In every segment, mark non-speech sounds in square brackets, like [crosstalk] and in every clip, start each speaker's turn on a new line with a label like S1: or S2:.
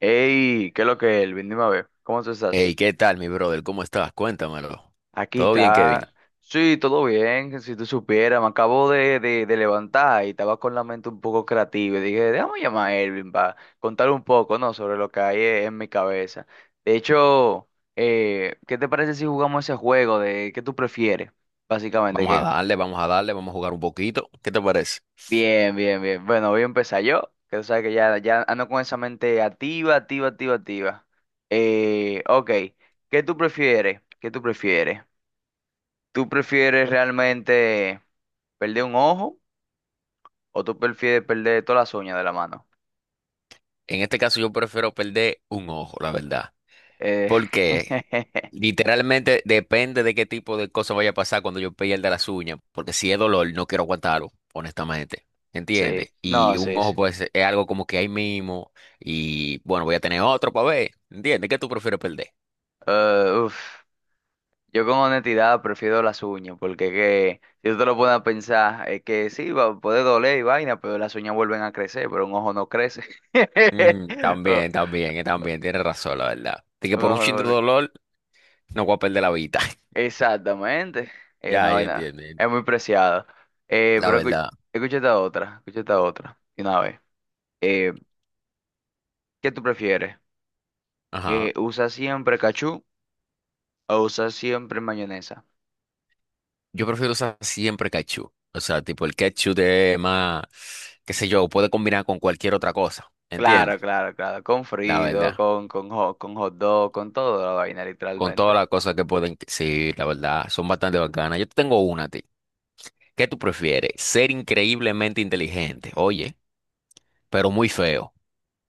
S1: Hey, ¿qué es lo que es, Elvin? Dime a ver, ¿cómo tú
S2: Hey,
S1: estás?
S2: ¿qué tal, mi brother? ¿Cómo estás? Cuéntamelo.
S1: Aquí
S2: ¿Todo bien, Kevin?
S1: está. Sí, todo bien, si tú supieras, me acabo de levantar y estaba con la mente un poco creativa y dije, déjame llamar a Elvin para contar un poco, ¿no? Sobre lo que hay en mi cabeza. De hecho, ¿qué te parece si jugamos ese juego de qué tú prefieres? Básicamente,
S2: Vamos a
S1: que
S2: darle, vamos a darle, vamos a jugar un poquito. ¿Qué te parece?
S1: bien, bien, bien. Bueno, voy a empezar yo, que tú sabes que ya, ya ando con esa mente activa, activa, activa, activa. Ok, ¿qué tú prefieres? ¿Qué tú prefieres? ¿Tú prefieres realmente perder un ojo o tú prefieres perder todas las uñas de la mano?
S2: En este caso yo prefiero perder un ojo, la verdad.
S1: Eh,
S2: Porque
S1: [laughs]
S2: literalmente depende de qué tipo de cosa vaya a pasar cuando yo pierda las uñas. Porque si es dolor, no quiero aguantarlo, honestamente.
S1: sí,
S2: ¿Entiendes?
S1: no,
S2: Y un
S1: sí,
S2: ojo
S1: sí.
S2: pues es algo como que ahí mismo. Y bueno, voy a tener otro para ver. ¿Entiendes? ¿Qué tú prefieres perder?
S1: Uf. Yo con honestidad prefiero las uñas, porque que, si tú te lo pones a pensar, es que sí, va, puede doler y vaina, pero las uñas vuelven a crecer, pero un ojo no crece.
S2: Mm, también,
S1: [laughs]
S2: también, también, tienes razón, la verdad. De que
S1: Un
S2: por un
S1: ojo no
S2: chin de
S1: vuelve.
S2: dolor no voy a perder la vida. [laughs]
S1: Exactamente. Es una
S2: Ya, ya
S1: vaina,
S2: entiendo, ya entiendo.
S1: es muy preciada.
S2: La
S1: Pero
S2: verdad.
S1: escucha esta otra, de una vez. Eh, ¿Qué tú prefieres?
S2: Ajá.
S1: ¿Usa siempre cachú o usa siempre mayonesa?
S2: Yo prefiero usar siempre ketchup. O sea, tipo el ketchup de más, qué sé yo, puede combinar con cualquier otra cosa.
S1: Claro,
S2: ¿Entiendes?
S1: claro, claro, con
S2: La
S1: frito,
S2: verdad.
S1: con con hot dog, con toda la vaina,
S2: Con todas
S1: literalmente.
S2: las cosas que pueden. Sí, la verdad. Son bastante bacanas. Yo te tengo una a ti. ¿Qué tú prefieres? ¿Ser increíblemente inteligente? Oye, pero muy feo.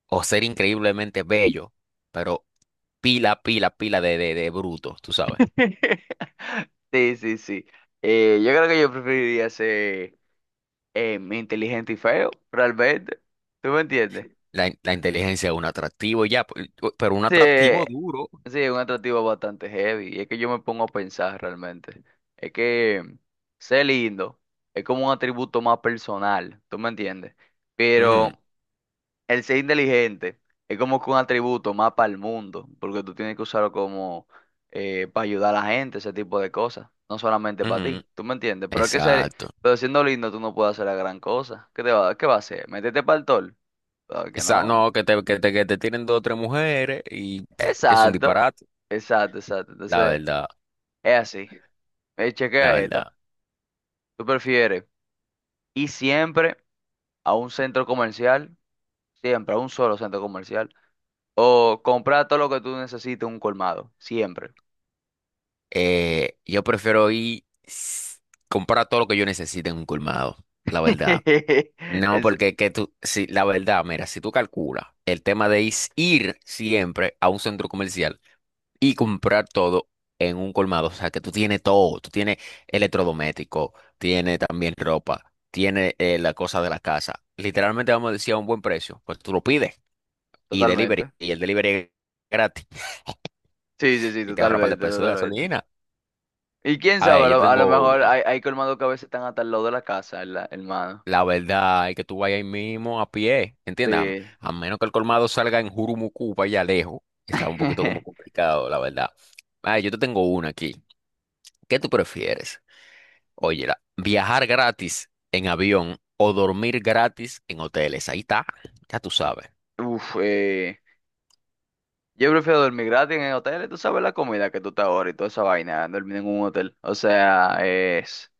S2: O ser increíblemente bello, pero pila, pila, pila de bruto, tú sabes.
S1: [laughs] Sí, sí, sí. Yo creo que yo preferiría ser inteligente y feo, realmente. ¿Tú me entiendes?
S2: La inteligencia es un atractivo ya, pero un
S1: Sí,
S2: atractivo duro.
S1: sí, es un atractivo bastante heavy. Y es que yo me pongo a pensar realmente. Es que ser lindo es como un atributo más personal, ¿tú me entiendes?
S2: Ujú,
S1: Pero el ser inteligente es como que un atributo más para el mundo, porque tú tienes que usarlo como para ayudar a la gente, ese tipo de cosas, no solamente para ti,
S2: ujú.
S1: ¿tú me entiendes? Pero es que ser,
S2: Exacto.
S1: pero siendo lindo tú no puedes hacer la gran cosa. ¿Qué te va, qué va a hacer? ¿Meterte para el tol? Claro que
S2: Esa,
S1: no.
S2: no, que te tienen dos o tres mujeres y pff, es un
S1: Exacto,
S2: disparate.
S1: exacto, exacto.
S2: La
S1: Entonces,
S2: verdad,
S1: es así.
S2: la
S1: Chequea esta.
S2: verdad.
S1: ¿Tú prefieres ir siempre a un centro comercial, siempre a un solo centro comercial, o comprar todo lo que tú necesites en un colmado, siempre?
S2: Yo prefiero comprar todo lo que yo necesite en un colmado, la verdad.
S1: [laughs]
S2: No,
S1: Es-
S2: porque que tú, sí, la verdad, mira, si tú calculas el tema de ir siempre a un centro comercial y comprar todo en un colmado, o sea, que tú tienes todo, tú tienes electrodoméstico, tienes también ropa, tienes la cosa de la casa. Literalmente vamos a decir a un buen precio, pues tú lo pides y delivery,
S1: totalmente.
S2: y el delivery es gratis
S1: Sí, sí, sí,
S2: y te ahorra un par de
S1: totalmente,
S2: pesos de
S1: totalmente.
S2: gasolina.
S1: Y quién
S2: A
S1: sabe,
S2: ver, yo
S1: a lo
S2: tengo
S1: mejor
S2: una.
S1: hay, hay colmados que a veces están hasta al lado de la casa, el mano
S2: La verdad es que tú vayas ahí mismo a pie, ¿entiendes? A,
S1: sí.
S2: a menos que el colmado salga en Jurumucu, para allá lejos. Está un poquito como
S1: [laughs]
S2: complicado, la verdad. Ah, yo te tengo una aquí. ¿Qué tú prefieres? Oye, viajar gratis en avión o dormir gratis en hoteles. Ahí está, ya tú sabes.
S1: Uf, yo prefiero dormir gratis en el hotel, tú sabes la comida que tú te ahorras y toda esa vaina, dormir en un hotel. O sea,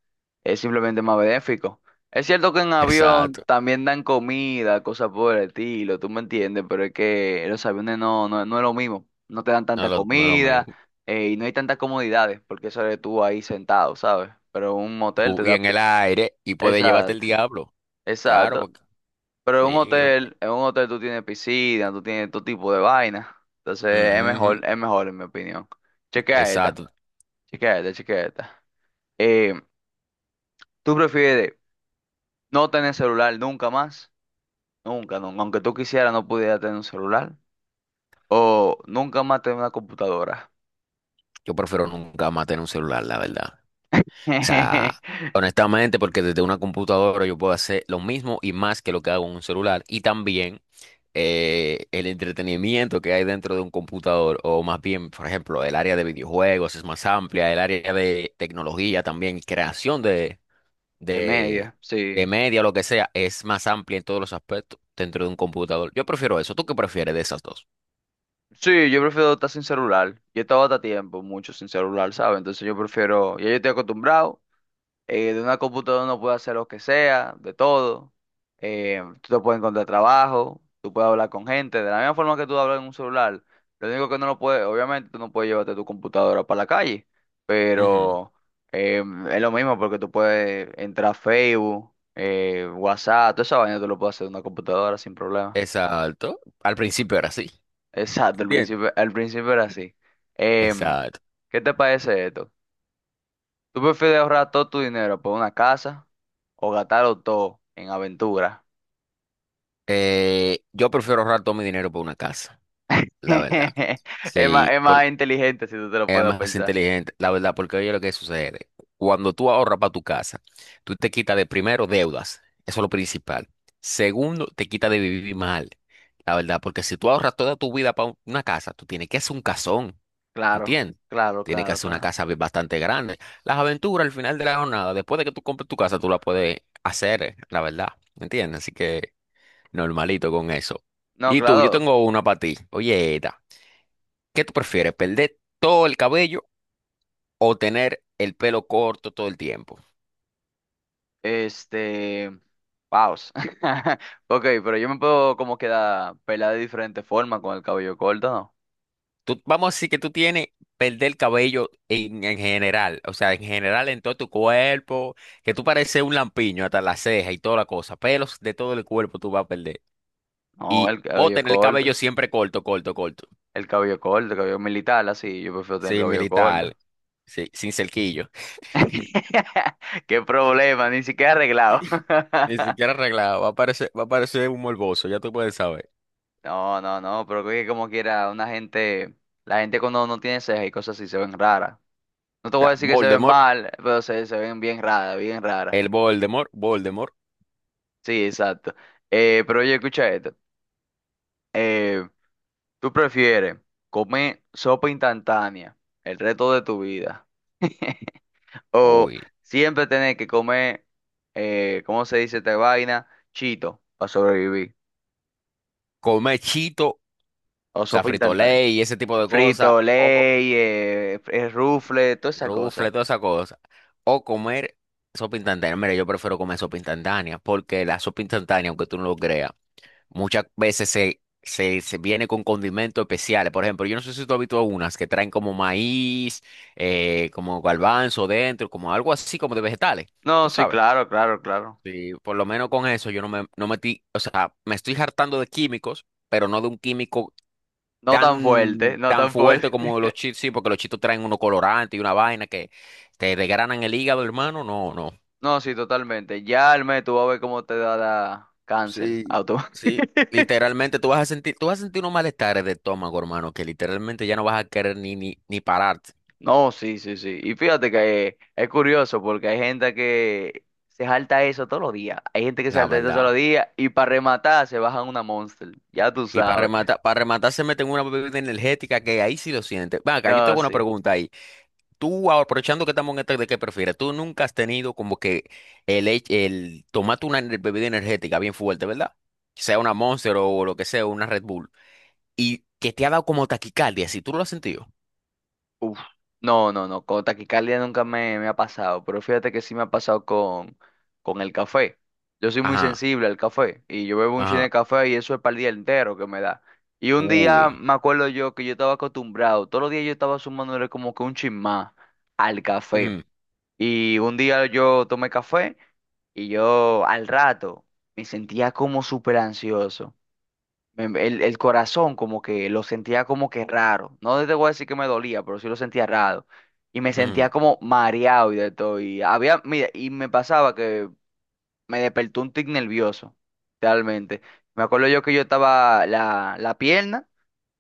S1: es simplemente más benéfico. Es cierto que en avión
S2: Exacto,
S1: también dan comida, cosas por el estilo, tú me entiendes, pero es que en los aviones no es lo mismo. No te dan tanta
S2: no es lo
S1: comida
S2: mismo.
S1: y no hay tantas comodidades, porque eso eres tú ahí sentado, ¿sabes? Pero un motel te
S2: Y
S1: da
S2: en
S1: pi-
S2: el aire, y puede llevarte el
S1: exacto,
S2: diablo. Claro,
S1: exacto.
S2: porque
S1: Pero
S2: sí. Ujú,
S1: en un hotel tú tienes piscina, tú tienes todo tipo de vaina. Entonces
S2: ujú,
S1: es mejor en mi opinión. Chequea esta,
S2: exacto.
S1: chequea esta, chequea esta. Eh, ¿Tú prefieres no tener celular nunca más? Nunca, nunca. Aunque tú quisieras, no pudieras tener un celular. O nunca más tener una computadora.
S2: Yo prefiero nunca más tener un celular, la verdad. O sea,
S1: [laughs]
S2: honestamente, porque desde una computadora yo puedo hacer lo mismo y más que lo que hago en un celular. Y también el entretenimiento que hay dentro de un computador, o más bien, por ejemplo, el área de videojuegos es más amplia, el área de tecnología también, creación
S1: De
S2: de,
S1: media, sí.
S2: de media, lo que sea, es más amplia en todos los aspectos dentro de un computador. Yo prefiero eso. ¿Tú qué prefieres de esas dos?
S1: Sí, yo prefiero estar sin celular. Yo he estado hasta tiempo, mucho sin celular, ¿sabes? Entonces yo prefiero, ya yo estoy acostumbrado. De una computadora uno puede hacer lo que sea, de todo. Tú te puedes encontrar trabajo, tú puedes hablar con gente, de la misma forma que tú hablas en un celular. Lo único que no lo puedes, obviamente tú no puedes llevarte tu computadora para la calle,
S2: Ujú.
S1: pero eh, es lo mismo porque tú puedes entrar a Facebook, WhatsApp, toda esa vaina tú lo puedes hacer en una computadora sin problema.
S2: Exacto. Al principio era así.
S1: Exacto,
S2: ¿Entiendes?
S1: al principio era así. Em,
S2: Exacto.
S1: ¿Qué te parece esto? ¿Tú prefieres ahorrar todo tu dinero por una casa? O gastarlo todo en aventura.
S2: Yo prefiero ahorrar todo mi dinero por una casa, la verdad.
S1: [laughs]
S2: Sí,
S1: Es más
S2: porque
S1: inteligente si tú te lo
S2: es
S1: puedes
S2: más
S1: pensar.
S2: inteligente, la verdad, porque oye lo que sucede. Cuando tú ahorras para tu casa, tú te quitas de primero deudas, eso es lo principal. Segundo, te quitas de vivir mal, la verdad, porque si tú ahorras toda tu vida para una casa, tú tienes que hacer un casón,
S1: Claro,
S2: ¿entiendes?
S1: claro,
S2: Tienes que
S1: claro,
S2: hacer una
S1: claro.
S2: casa bastante grande. Las aventuras al final de la jornada, después de que tú compres tu casa, tú la puedes hacer, la verdad, ¿entiendes? Así que normalito con eso.
S1: No,
S2: Y tú, yo
S1: claro.
S2: tengo una para ti. Oye, Eta, ¿qué tú prefieres? ¿Perder todo el cabello o tener el pelo corto todo el tiempo?
S1: Este. Paus. [laughs] Ok, pero yo me puedo como quedar pelada de diferente forma con el cabello corto, ¿no?
S2: Tú, vamos a decir que tú tienes perder el cabello en general, o sea, en general en todo tu cuerpo, que tú pareces un lampiño hasta la ceja y toda la cosa, pelos de todo el cuerpo tú vas a perder.
S1: No,
S2: Y
S1: el
S2: o
S1: cabello
S2: tener el
S1: corto.
S2: cabello siempre corto, corto, corto.
S1: El cabello corto, el cabello militar, así. Yo prefiero tener el
S2: Sí,
S1: cabello corto.
S2: militar, sí, sin cerquillo.
S1: [laughs] Qué problema, ni siquiera arreglado. [laughs]
S2: [laughs] Ni siquiera arreglado, va a parecer un morboso, ya tú puedes saber.
S1: No, no, no, pero que como quiera, una gente, la gente cuando no tiene cejas y cosas así se ven raras. No te voy a
S2: Ya,
S1: decir que se ven
S2: Voldemort,
S1: mal, pero se ven bien raras, bien raras.
S2: el Voldemort, Voldemort.
S1: Sí, exacto. Pero oye, escucha esto. Eh, ¿Tú prefieres comer sopa instantánea el resto de tu vida? [laughs] O
S2: Uy.
S1: siempre tener que comer, ¿cómo se dice esta vaina? Chito, para sobrevivir.
S2: Come Chito, o
S1: O
S2: sea,
S1: sopa instantánea.
S2: fritolé y ese tipo de cosas.
S1: Frito,
S2: O
S1: ley, rufle, toda esa
S2: rufle,
S1: cosa.
S2: toda esa cosa. O comer sopa instantánea. Mira, yo prefiero comer sopa instantánea. Porque la sopa instantánea, aunque tú no lo creas, muchas veces se viene con condimentos especiales. Por ejemplo, yo no sé si tú has visto unas que traen como maíz, como garbanzo dentro, como algo así como de vegetales.
S1: No,
S2: ¿Tú
S1: sí,
S2: sabes?
S1: claro, claro, claro.
S2: Sí, por lo menos con eso yo no me no metí, o sea, me estoy hartando de químicos, pero no de un químico
S1: No tan fuerte, no
S2: tan
S1: tan
S2: fuerte
S1: fuerte.
S2: como los
S1: [laughs]
S2: chips, sí, porque los chitos traen uno colorante y una vaina que te desgranan el hígado, hermano. No, no.
S1: No, sí, totalmente. Ya el mes tú vas a ver cómo te da la cáncer
S2: Sí,
S1: auto.
S2: sí.
S1: [laughs]
S2: Literalmente tú vas a sentir, tú vas a sentir unos malestares de estómago, hermano, que literalmente ya no vas a querer ni pararte,
S1: No, sí, sí, sí. Y fíjate que es curioso porque hay gente que se salta eso todos los días. Hay gente que se
S2: la
S1: salta eso todos
S2: verdad.
S1: los días y para rematar se bajan una Monster. Ya tú
S2: Y
S1: sabes.
S2: para rematar se meten una bebida energética que ahí sí lo sientes. Venga, yo
S1: No,
S2: tengo una
S1: sí.
S2: pregunta ahí. Tú, aprovechando que estamos en este de qué prefieres, tú nunca has tenido como que el tomate una bebida energética bien fuerte, ¿verdad? Sea una Monster o lo que sea, una Red Bull, y que te ha dado como taquicardia, si tú lo has sentido.
S1: Uf, no, no, no, con taquicardia nunca me ha pasado, pero fíjate que sí me ha pasado con el café. Yo soy muy
S2: Ajá,
S1: sensible al café y yo bebo un chin
S2: ajá,
S1: de café y eso es para el día entero que me da. Y un
S2: uy,
S1: día me acuerdo yo que yo estaba acostumbrado, todos los días yo estaba sumándole como que un chin más al café.
S2: ujú,
S1: Y un día yo tomé café y yo al rato me sentía como súper ansioso el corazón como que lo sentía como que raro. No te voy a decir que me dolía, pero sí lo sentía raro. Y me sentía
S2: ujú,
S1: como mareado y de todo. Y había, mira, y me pasaba que me despertó un tic nervioso, realmente. Me acuerdo yo que yo estaba, la pierna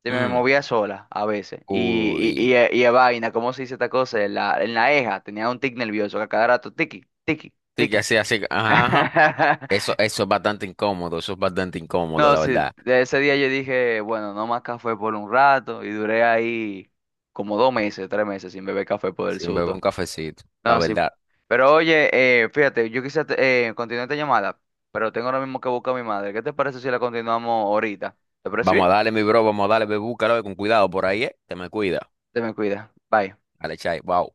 S1: se me
S2: ujú,
S1: movía sola a veces. Y, y,
S2: uy,
S1: y, eh, y eh, vaina, ¿cómo se dice esta cosa? En la eja tenía un tic nervioso, que a cada rato, tiqui, tiqui,
S2: sí, que
S1: tiqui.
S2: así, así, ajá, ajá.
S1: [laughs]
S2: Eso es bastante incómodo, eso es bastante incómodo,
S1: No,
S2: la
S1: sí,
S2: verdad.
S1: de ese día yo dije, bueno, no más café por un rato y duré ahí como 2 meses, 3 meses sin beber café por el
S2: Sin beber
S1: susto.
S2: un cafecito, la
S1: No, sí.
S2: verdad.
S1: Pero oye, fíjate, yo quise continuar esta llamada, pero tengo ahora mismo que buscar a mi madre. ¿Qué te parece si la continuamos ahorita? ¿Te parece
S2: Vamos a
S1: bien?
S2: darle, mi bro, vamos a darle, bebú, carajo, con cuidado por ahí, ¿eh? Te me cuida.
S1: Te me cuida. Bye.
S2: Dale, chai, wow.